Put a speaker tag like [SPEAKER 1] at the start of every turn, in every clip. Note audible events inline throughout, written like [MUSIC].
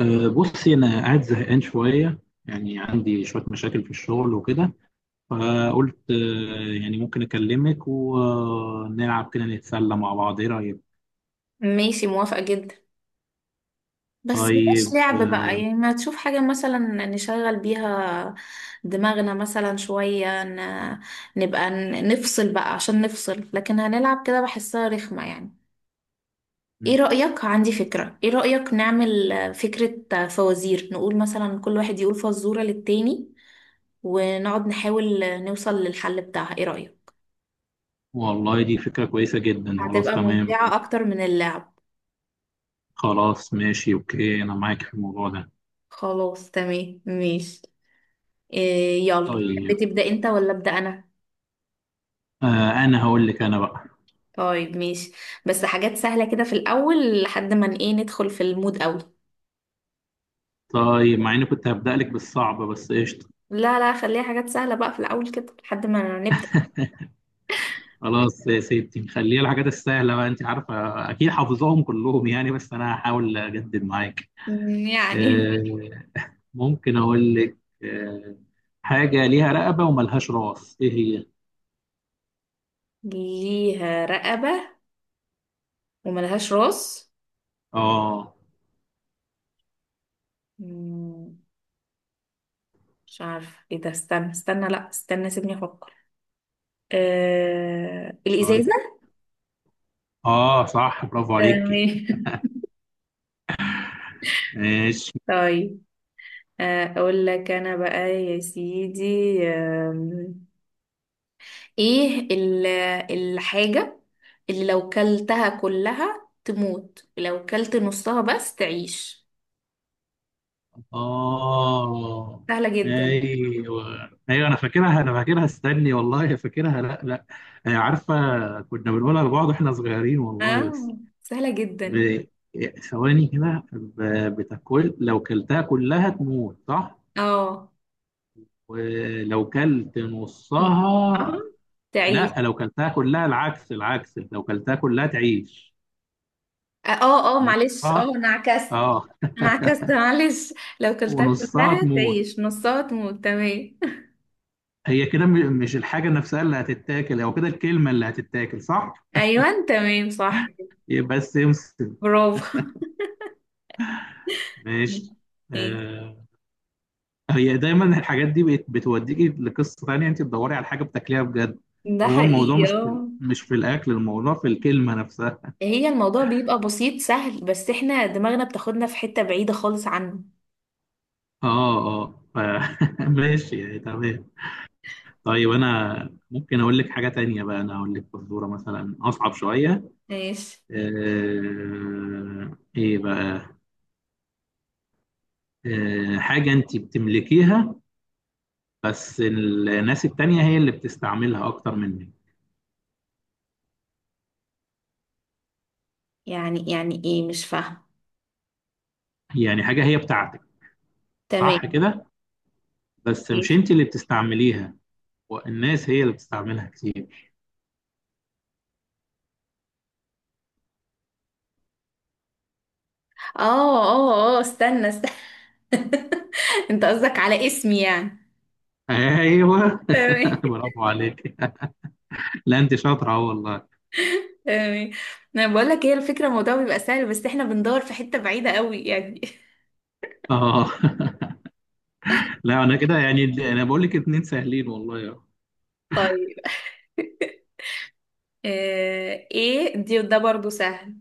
[SPEAKER 1] بصي، أنا قاعد زهقان شوية. يعني عندي شوية مشاكل في الشغل وكده، فقلت يعني ممكن أكلمك ونلعب كده نتسلى مع بعض، إيه رأيك؟
[SPEAKER 2] ماشي، موافقة جدا. بس مبقاش
[SPEAKER 1] طيب،
[SPEAKER 2] لعب بقى، يعني ما تشوف حاجة مثلا نشغل بيها دماغنا مثلا شوية نبقى نفصل بقى عشان نفصل، لكن هنلعب كده بحسها رخمة يعني. ايه رأيك؟ عندي فكرة، ايه رأيك نعمل فكرة فوازير، نقول مثلا كل واحد يقول فزورة للتاني ونقعد نحاول نوصل للحل بتاعها، ايه رأيك؟
[SPEAKER 1] والله دي فكرة كويسة جدا، خلاص
[SPEAKER 2] هتبقى
[SPEAKER 1] تمام
[SPEAKER 2] ممتعة
[SPEAKER 1] أنا.
[SPEAKER 2] اكتر من اللعب.
[SPEAKER 1] خلاص ماشي أوكي، أنا معاك في الموضوع ده.
[SPEAKER 2] خلاص تمام ماشي. إيه يلا، تحبي
[SPEAKER 1] طيب،
[SPEAKER 2] تبدأ انت ولا أبدأ انا؟
[SPEAKER 1] أه، أنا هقول لك أنا بقى.
[SPEAKER 2] طيب ماشي، بس حاجات سهلة كده في الأول لحد ما ايه ندخل في المود قوي.
[SPEAKER 1] طيب، مع إني كنت هبدأ لك بالصعب، بس إيش.
[SPEAKER 2] لا لا، خليها حاجات سهلة بقى في الأول كده لحد ما نبدأ.
[SPEAKER 1] خلاص يا ستي، خليها الحاجات السهله بقى، انت عارفه. اكيد حافظاهم كلهم يعني، بس انا هحاول اجدد معاك.
[SPEAKER 2] مم، يعني.
[SPEAKER 1] آه، ممكن اقول لك، آه، حاجه ليها رقبه وملهاش راس، ايه هي؟
[SPEAKER 2] ليها رقبة وملهاش راس.
[SPEAKER 1] اه.
[SPEAKER 2] مم، مش عارفة ايه ده، استنى استنى، لا استنى سيبني أفكر.
[SPEAKER 1] قاري.
[SPEAKER 2] الإزازة.
[SPEAKER 1] اه صح، برافو
[SPEAKER 2] تمام.
[SPEAKER 1] عليكي.
[SPEAKER 2] [LAUGHS]
[SPEAKER 1] ماشي.
[SPEAKER 2] طيب. أقول لك أنا بقى يا سيدي، ايه الحاجة اللي لو كلتها كلها تموت ولو كلت نصها بس تعيش؟
[SPEAKER 1] اه
[SPEAKER 2] سهلة جدا.
[SPEAKER 1] ايوه ايوه، انا فاكرها، استني والله فاكرها، لا لا. عارفه، كنا بنقولها لبعض واحنا صغيرين والله، بس.
[SPEAKER 2] اه، سهلة جدا.
[SPEAKER 1] ب- ثواني كده، بتاكل، لو كلتها كلها تموت، صح؟
[SPEAKER 2] اه.
[SPEAKER 1] ولو كلت
[SPEAKER 2] مم.
[SPEAKER 1] نصها؟
[SPEAKER 2] اه، تعيش.
[SPEAKER 1] لا، لو كلتها كلها العكس العكس، لو كلتها كلها تعيش.
[SPEAKER 2] اه اه، معلش،
[SPEAKER 1] ونصها،
[SPEAKER 2] اه انا عكست.
[SPEAKER 1] اه،
[SPEAKER 2] انا عكست معلش، لو كلتها
[SPEAKER 1] ونصها
[SPEAKER 2] كلها
[SPEAKER 1] تموت.
[SPEAKER 2] تعيش نصها تموت، تمام.
[SPEAKER 1] هي كده مش الحاجة نفسها اللي هتتاكل او كده، الكلمة اللي هتتاكل، صح؟
[SPEAKER 2] [LAUGHS] ايوه تمام صح.
[SPEAKER 1] يبقى السمسم.
[SPEAKER 2] برافو.
[SPEAKER 1] ماشي.
[SPEAKER 2] [LAUGHS] ايه.
[SPEAKER 1] آه، هي دايما الحاجات دي بتوديكي لقصه ثانيه، انت بتدوري على حاجه بتاكليها بجد،
[SPEAKER 2] ده
[SPEAKER 1] وهو الموضوع
[SPEAKER 2] حقيقي،
[SPEAKER 1] مش في
[SPEAKER 2] اه.
[SPEAKER 1] مش في الاكل، الموضوع في الكلمه نفسها.
[SPEAKER 2] هي الموضوع بيبقى بسيط سهل، بس احنا دماغنا بتاخدنا في حتة بعيدة خالص عنه.
[SPEAKER 1] [LAUGHS] اه اه، [LAUGHS] ماشي يعني، تمام. طيب، انا ممكن اقول لك حاجه تانية بقى، انا اقول لك فزوره مثلا اصعب شويه.
[SPEAKER 2] ماشي.
[SPEAKER 1] ايه بقى، حاجه انت بتملكيها، بس الناس التانية هي اللي بتستعملها اكتر منك.
[SPEAKER 2] يعني ايه، مش فاهمة.
[SPEAKER 1] يعني حاجه هي بتاعتك، صح
[SPEAKER 2] تمام.
[SPEAKER 1] كده؟ بس مش
[SPEAKER 2] ماشي.
[SPEAKER 1] انت اللي بتستعمليها، والناس هي اللي بتستعملها كتير.
[SPEAKER 2] اه اه اه، استنى استنى. [LAUGHS] انت قصدك على اسمي يعني؟
[SPEAKER 1] ايوه.
[SPEAKER 2] تمام.
[SPEAKER 1] [LAUGHS] برافو عليك، لا انت شاطره أهو والله.
[SPEAKER 2] تمام، انا بقول لك هي الفكرة، الموضوع بيبقى سهل بس احنا بندور في حتة بعيدة قوي يعني. [LAUGHS]
[SPEAKER 1] اه، [LAUGHS] لا انا كده يعني، انا بقول لك اتنين سهلين والله يا.
[SPEAKER 2] طيب. آه، ايه دي، ده برضو سهل.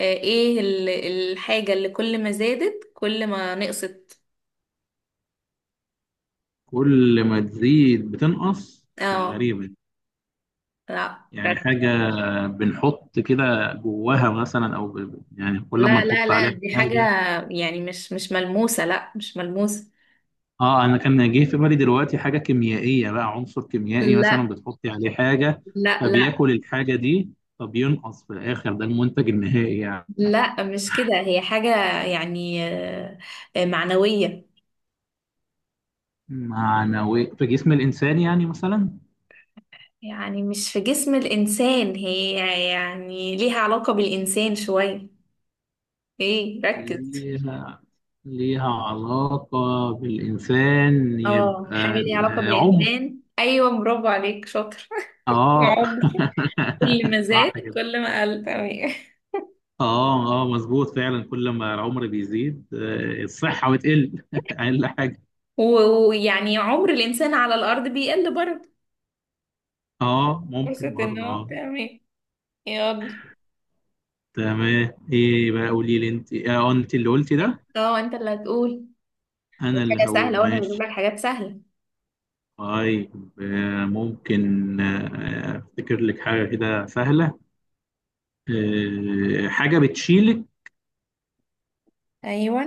[SPEAKER 2] آه، ايه الحاجة اللي كل ما زادت كل ما نقصت؟
[SPEAKER 1] كل ما تزيد بتنقص، ده
[SPEAKER 2] اه.
[SPEAKER 1] غريبه دي.
[SPEAKER 2] لا.
[SPEAKER 1] يعني حاجه بنحط كده جواها مثلا، او يعني كل ما
[SPEAKER 2] لا لا
[SPEAKER 1] نحط
[SPEAKER 2] لا،
[SPEAKER 1] عليها
[SPEAKER 2] دي حاجة
[SPEAKER 1] حاجه.
[SPEAKER 2] يعني مش مش ملموسة، لا مش ملموسة.
[SPEAKER 1] اه، انا كان جه في بالي دلوقتي حاجه كيميائيه بقى، عنصر كيميائي مثلا
[SPEAKER 2] لا
[SPEAKER 1] بتحطي عليه حاجه،
[SPEAKER 2] لا لا
[SPEAKER 1] فبياكل الحاجه دي، فبينقص في الاخر، ده المنتج النهائي يعني.
[SPEAKER 2] لا، مش كده، هي حاجة يعني معنوية.
[SPEAKER 1] معنوي في جسم الإنسان يعني، مثلا.
[SPEAKER 2] يعني مش في جسم الإنسان هي، يعني ليها علاقة بالإنسان شوية. ايه ركز.
[SPEAKER 1] ليها ليها علاقة بالإنسان،
[SPEAKER 2] اه، حاجة
[SPEAKER 1] يبقى
[SPEAKER 2] ليها علاقة
[SPEAKER 1] العمر.
[SPEAKER 2] بالإنسان، أيوة برافو عليك شاطر. [LAUGHS]
[SPEAKER 1] اه،
[SPEAKER 2] العمر. كل
[SPEAKER 1] [LAUGHS]
[SPEAKER 2] ما
[SPEAKER 1] صح
[SPEAKER 2] زاد
[SPEAKER 1] كده.
[SPEAKER 2] كل ما قل، تمام.
[SPEAKER 1] اه اه، مظبوط فعلا، كل ما العمر بيزيد الصحة بتقل، [LAUGHS] أقل حاجة.
[SPEAKER 2] و- ويعني عمر الإنسان على الأرض بيقل برضه،
[SPEAKER 1] اه
[SPEAKER 2] فرصة
[SPEAKER 1] ممكن
[SPEAKER 2] إن
[SPEAKER 1] برضه،
[SPEAKER 2] هو.
[SPEAKER 1] اه.
[SPEAKER 2] تمام، يلا.
[SPEAKER 1] تمام، ايه بقى، قولي لي انت، اه انت اللي قلتي ده.
[SPEAKER 2] اه، انت اللي هتقول.
[SPEAKER 1] انا اللي
[SPEAKER 2] حاجة
[SPEAKER 1] هقول،
[SPEAKER 2] سهلة، وانا
[SPEAKER 1] ماشي.
[SPEAKER 2] بجيب لك حاجات سهلة.
[SPEAKER 1] طيب، ممكن افتكر لك حاجة كده سهلة. حاجة بتشيلك.
[SPEAKER 2] ايوه.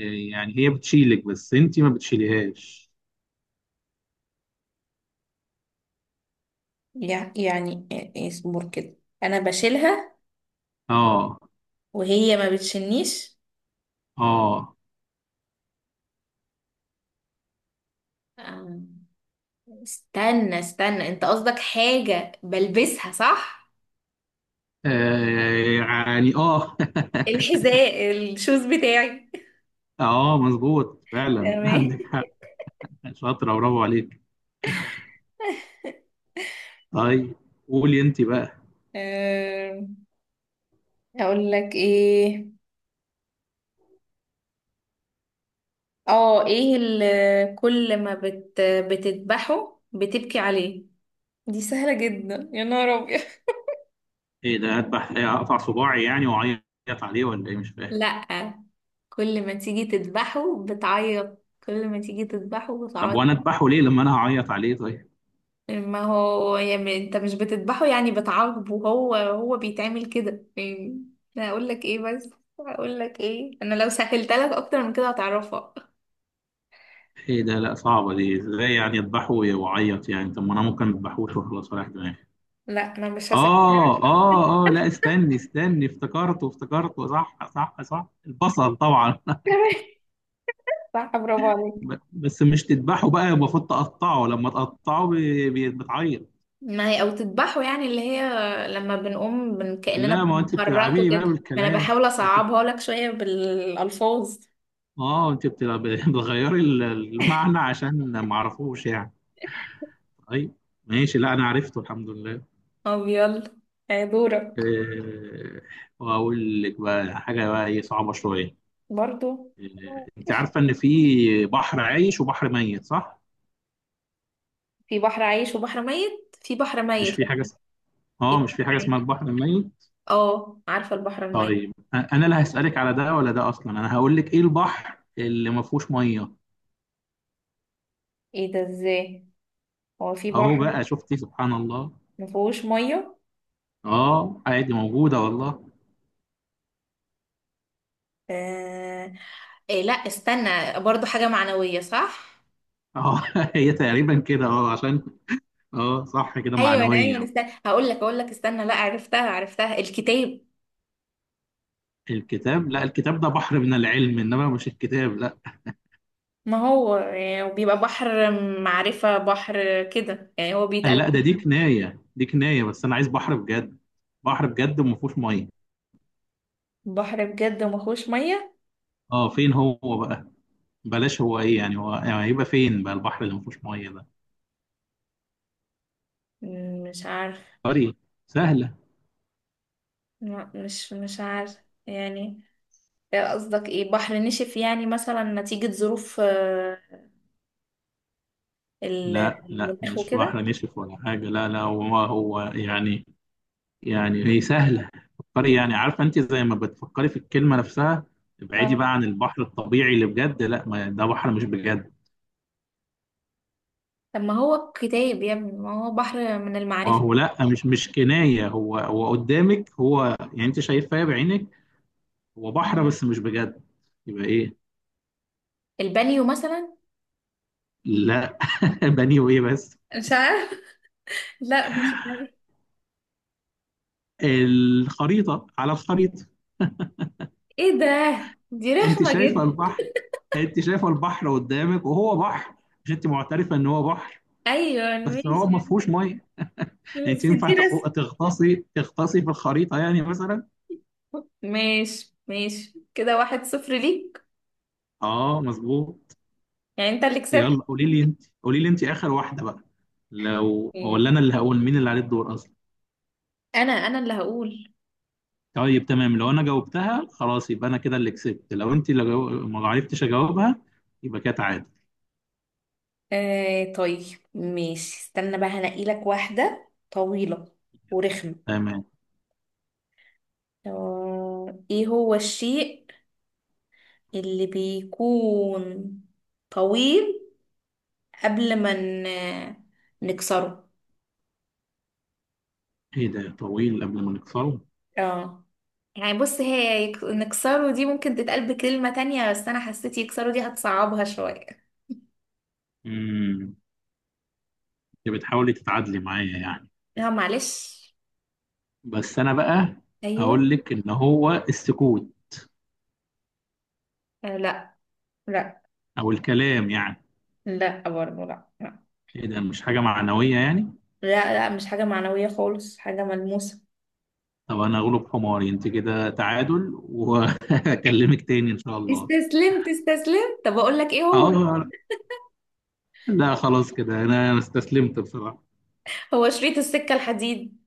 [SPEAKER 1] آه، يعني هي بتشيلك بس انت ما بتشيليهاش.
[SPEAKER 2] يعني اصبر كده، انا بشيلها
[SPEAKER 1] اه
[SPEAKER 2] وهي ما بتشيلنيش.
[SPEAKER 1] اه،
[SPEAKER 2] آه، استنى استنى، انت قصدك حاجة بلبسها صح؟
[SPEAKER 1] يعني، اه.
[SPEAKER 2] الحذاء، الشوز بتاعي.
[SPEAKER 1] [LAUGHS] اه، مظبوط فعلا، [LAUGHS]
[SPEAKER 2] تمام.
[SPEAKER 1] عندك حق. شاطرة، برافو عليك.
[SPEAKER 2] [LAUGHS]
[SPEAKER 1] طيب، قولي انت بقى.
[SPEAKER 2] أه، اقول لك ايه. اه، ايه اللي كل ما بتذبحه بتبكي عليه؟ دي سهلة جدا، يا نهار.
[SPEAKER 1] ايه ده، اذبح إيه، اقطع صباعي يعني واعيط عليه، ولا ايه؟ مش فاهم.
[SPEAKER 2] لأ، كل ما تيجي تذبحه بتعيط، كل ما تيجي تذبحه
[SPEAKER 1] طب
[SPEAKER 2] بتعيط.
[SPEAKER 1] وانا اذبحه ليه لما انا هعيط عليه؟ طيب.
[SPEAKER 2] ما هو يعني انت مش بتذبحه، يعني بتعاقبه، هو بيتعمل كده يعني. انا اقول لك ايه بس، اقول لك ايه، انا لو سهلت لك اكتر من كده هتعرفها.
[SPEAKER 1] ايه ده، لا، صعبة دي ازاي يعني، اذبحه واعيط يعني؟ طب ما انا ممكن ما اذبحوش وخلاص، ولا؟
[SPEAKER 2] لا انا مش هسهل.
[SPEAKER 1] اه اه اه، لا، استني استني، افتكرته افتكرته، صح صح صح، البصل طبعا.
[SPEAKER 2] [LAUGHS] صح، برافو عليك.
[SPEAKER 1] بس مش تذبحه بقى، المفروض تقطعه، لما تقطعه بتعيط.
[SPEAKER 2] ما هي او تذبحه، يعني اللي هي لما بنقوم كأننا
[SPEAKER 1] لا، ما انت بتلعبي
[SPEAKER 2] بنحرقه
[SPEAKER 1] لي بقى
[SPEAKER 2] كده. ما انا
[SPEAKER 1] بالكلام.
[SPEAKER 2] بحاول
[SPEAKER 1] انت.
[SPEAKER 2] اصعبها لك شوية بالالفاظ.
[SPEAKER 1] اه انت بتلعب، [LAUGHS] بتغيري المعنى عشان ما اعرفوش يعني. طيب ماشي، لا انا عرفته الحمد لله.
[SPEAKER 2] طب يلا، يا دورك.
[SPEAKER 1] آه، واقول لك بقى حاجه بقى، ايه صعبه شويه.
[SPEAKER 2] برضو.
[SPEAKER 1] انت عارفه ان في بحر عايش وبحر ميت، صح؟
[SPEAKER 2] في بحر عايش وبحر ميت؟ في بحر
[SPEAKER 1] مش
[SPEAKER 2] ميت
[SPEAKER 1] في حاجه،
[SPEAKER 2] لكن. في
[SPEAKER 1] اه، مش
[SPEAKER 2] بحر
[SPEAKER 1] في حاجه
[SPEAKER 2] عايش.
[SPEAKER 1] اسمها البحر الميت.
[SPEAKER 2] اه، عارفة البحر الميت.
[SPEAKER 1] طيب، انا اللي هسالك على ده ولا ده اصلا؟ انا هقول لك، ايه البحر اللي ما فيهوش ميه؟
[SPEAKER 2] ايه ده، ازاي؟ هو في
[SPEAKER 1] اهو
[SPEAKER 2] بحر
[SPEAKER 1] بقى، شفتي؟ سبحان الله.
[SPEAKER 2] مفهوش مية؟
[SPEAKER 1] اه عادي، موجوده والله.
[SPEAKER 2] آه... إيه، لا استنى، برضو حاجة معنوية صح؟
[SPEAKER 1] اه، [LAUGHS] هي تقريبا كده، اه عشان اه صح كده،
[SPEAKER 2] ايوه انا، ايوه أنا
[SPEAKER 1] معنويه.
[SPEAKER 2] استنى هقول لك، استنى، لا عرفتها عرفتها، الكتاب.
[SPEAKER 1] الكتاب؟ لا، الكتاب ده بحر من العلم، انما مش الكتاب، لا.
[SPEAKER 2] ما هو وبيبقى بحر معرفة، بحر كده يعني، هو
[SPEAKER 1] لا، ده
[SPEAKER 2] بيتقال.
[SPEAKER 1] دي كنايه دي كنايه، بس انا عايز بحر بجد، بحر بجد وما فيهوش ميه.
[SPEAKER 2] بحر بجد ومفهوش مية.
[SPEAKER 1] اه، فين هو بقى؟ بلاش، هو ايه يعني، هو يعني هيبقى فين بقى البحر اللي ما فيهوش ميه ده؟
[SPEAKER 2] مش عارف.
[SPEAKER 1] قري، سهل.
[SPEAKER 2] لا، مش مش عارف يعني. قصدك ايه، بحر نشف يعني مثلا نتيجة ظروف
[SPEAKER 1] لا لا،
[SPEAKER 2] المناخ
[SPEAKER 1] مش بحر
[SPEAKER 2] وكده.
[SPEAKER 1] نشف ولا حاجة، لا لا، هو هو يعني، يعني هي سهلة. فكري يعني، عارفة أنت زي ما بتفكري في الكلمة نفسها. ابعدي
[SPEAKER 2] اه.
[SPEAKER 1] بقى عن البحر الطبيعي اللي بجد، لا، ما ده بحر مش بجد.
[SPEAKER 2] طب ما هو الكتاب يا ابني ما هو بحر من
[SPEAKER 1] ما
[SPEAKER 2] المعرفة.
[SPEAKER 1] هو لا، مش كناية، هو هو قدامك هو، يعني أنت شايفاه بعينك، هو بحر
[SPEAKER 2] آه.
[SPEAKER 1] بس مش بجد. يبقى إيه؟
[SPEAKER 2] البانيو مثلا.
[SPEAKER 1] لا، [LAUGHS] بني وإيه بس؟
[SPEAKER 2] مش عارف. [LAUGHS] لا مش عارف.
[SPEAKER 1] الخريطة، على الخريطة.
[SPEAKER 2] ايه ده؟ دي
[SPEAKER 1] أنت
[SPEAKER 2] رخمة
[SPEAKER 1] شايفة
[SPEAKER 2] جدا.
[SPEAKER 1] البحر، أنت شايفة البحر قدامك وهو بحر، مش أنت معترفة إن هو بحر؟
[SPEAKER 2] ايوه
[SPEAKER 1] بس هو
[SPEAKER 2] ماشي.
[SPEAKER 1] ما فيهوش ميه، يعني انت
[SPEAKER 2] بس
[SPEAKER 1] ينفع
[SPEAKER 2] دي رسم.
[SPEAKER 1] تغطاسي في الخريطه يعني مثلا؟
[SPEAKER 2] ماشي ماشي كده، 1-0 ليك.
[SPEAKER 1] اه مظبوط.
[SPEAKER 2] يعني انت اللي كسبت.
[SPEAKER 1] يلا، قولي لي انت اخر واحده بقى، لو،
[SPEAKER 2] مم.
[SPEAKER 1] ولا انا اللي هقول مين اللي عليه الدور اصلا؟
[SPEAKER 2] انا اللي هقول.
[SPEAKER 1] طيب تمام، لو انا جاوبتها خلاص، يبقى انا كده اللي كسبت، لو ما عرفتش اجاوبها، يبقى كده تعادل.
[SPEAKER 2] آه طيب، ماشي، استنى بقى هنقي لك واحدة طويلة ورخمة.
[SPEAKER 1] تمام،
[SPEAKER 2] ايه هو الشيء اللي بيكون طويل قبل ما نكسره؟
[SPEAKER 1] ايه ده طويل قبل ما نكسره؟
[SPEAKER 2] اه. يعني بص، هي نكسره دي ممكن تتقال بكلمة تانية، بس انا حسيت يكسره دي هتصعبها شوية.
[SPEAKER 1] امم. انت بتحاولي تتعادلي معايا يعني؟
[SPEAKER 2] لا معلش.
[SPEAKER 1] بس انا بقى
[SPEAKER 2] ايوه.
[SPEAKER 1] هقول لك ان هو السكوت،
[SPEAKER 2] آه لا. لا.
[SPEAKER 1] او الكلام يعني.
[SPEAKER 2] لا برضه، لا لا.
[SPEAKER 1] ايه ده، مش حاجه معنويه يعني؟
[SPEAKER 2] لا لا مش حاجة معنوية خالص، حاجة ملموسة.
[SPEAKER 1] طب انا اغلب حماري، انت كده تعادل، وهكلمك [LAUGHS] تاني ان شاء الله.
[SPEAKER 2] استسلمت استسلمت. طب اقول لك ايه هو
[SPEAKER 1] اه لا، خلاص كده، انا استسلمت بصراحة.
[SPEAKER 2] هو شريط السكة الحديد.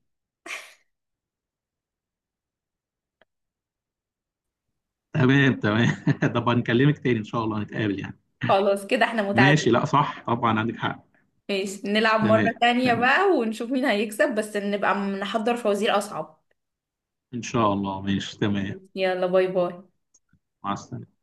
[SPEAKER 1] تمام تمام، [LAUGHS] طب هنكلمك تاني ان شاء الله، نتقابل يعني.
[SPEAKER 2] خلاص كده احنا
[SPEAKER 1] ماشي، لا
[SPEAKER 2] متعادلين.
[SPEAKER 1] صح طبعا، عندك حق.
[SPEAKER 2] ماشي، نلعب مرة
[SPEAKER 1] تمام
[SPEAKER 2] تانية
[SPEAKER 1] تمام،
[SPEAKER 2] بقى ونشوف مين هيكسب، بس نبقى نحضر فوازير أصعب.
[SPEAKER 1] ان شاء الله، ماشي، تمام.
[SPEAKER 2] يلا، باي باي.
[SPEAKER 1] مع السلامة.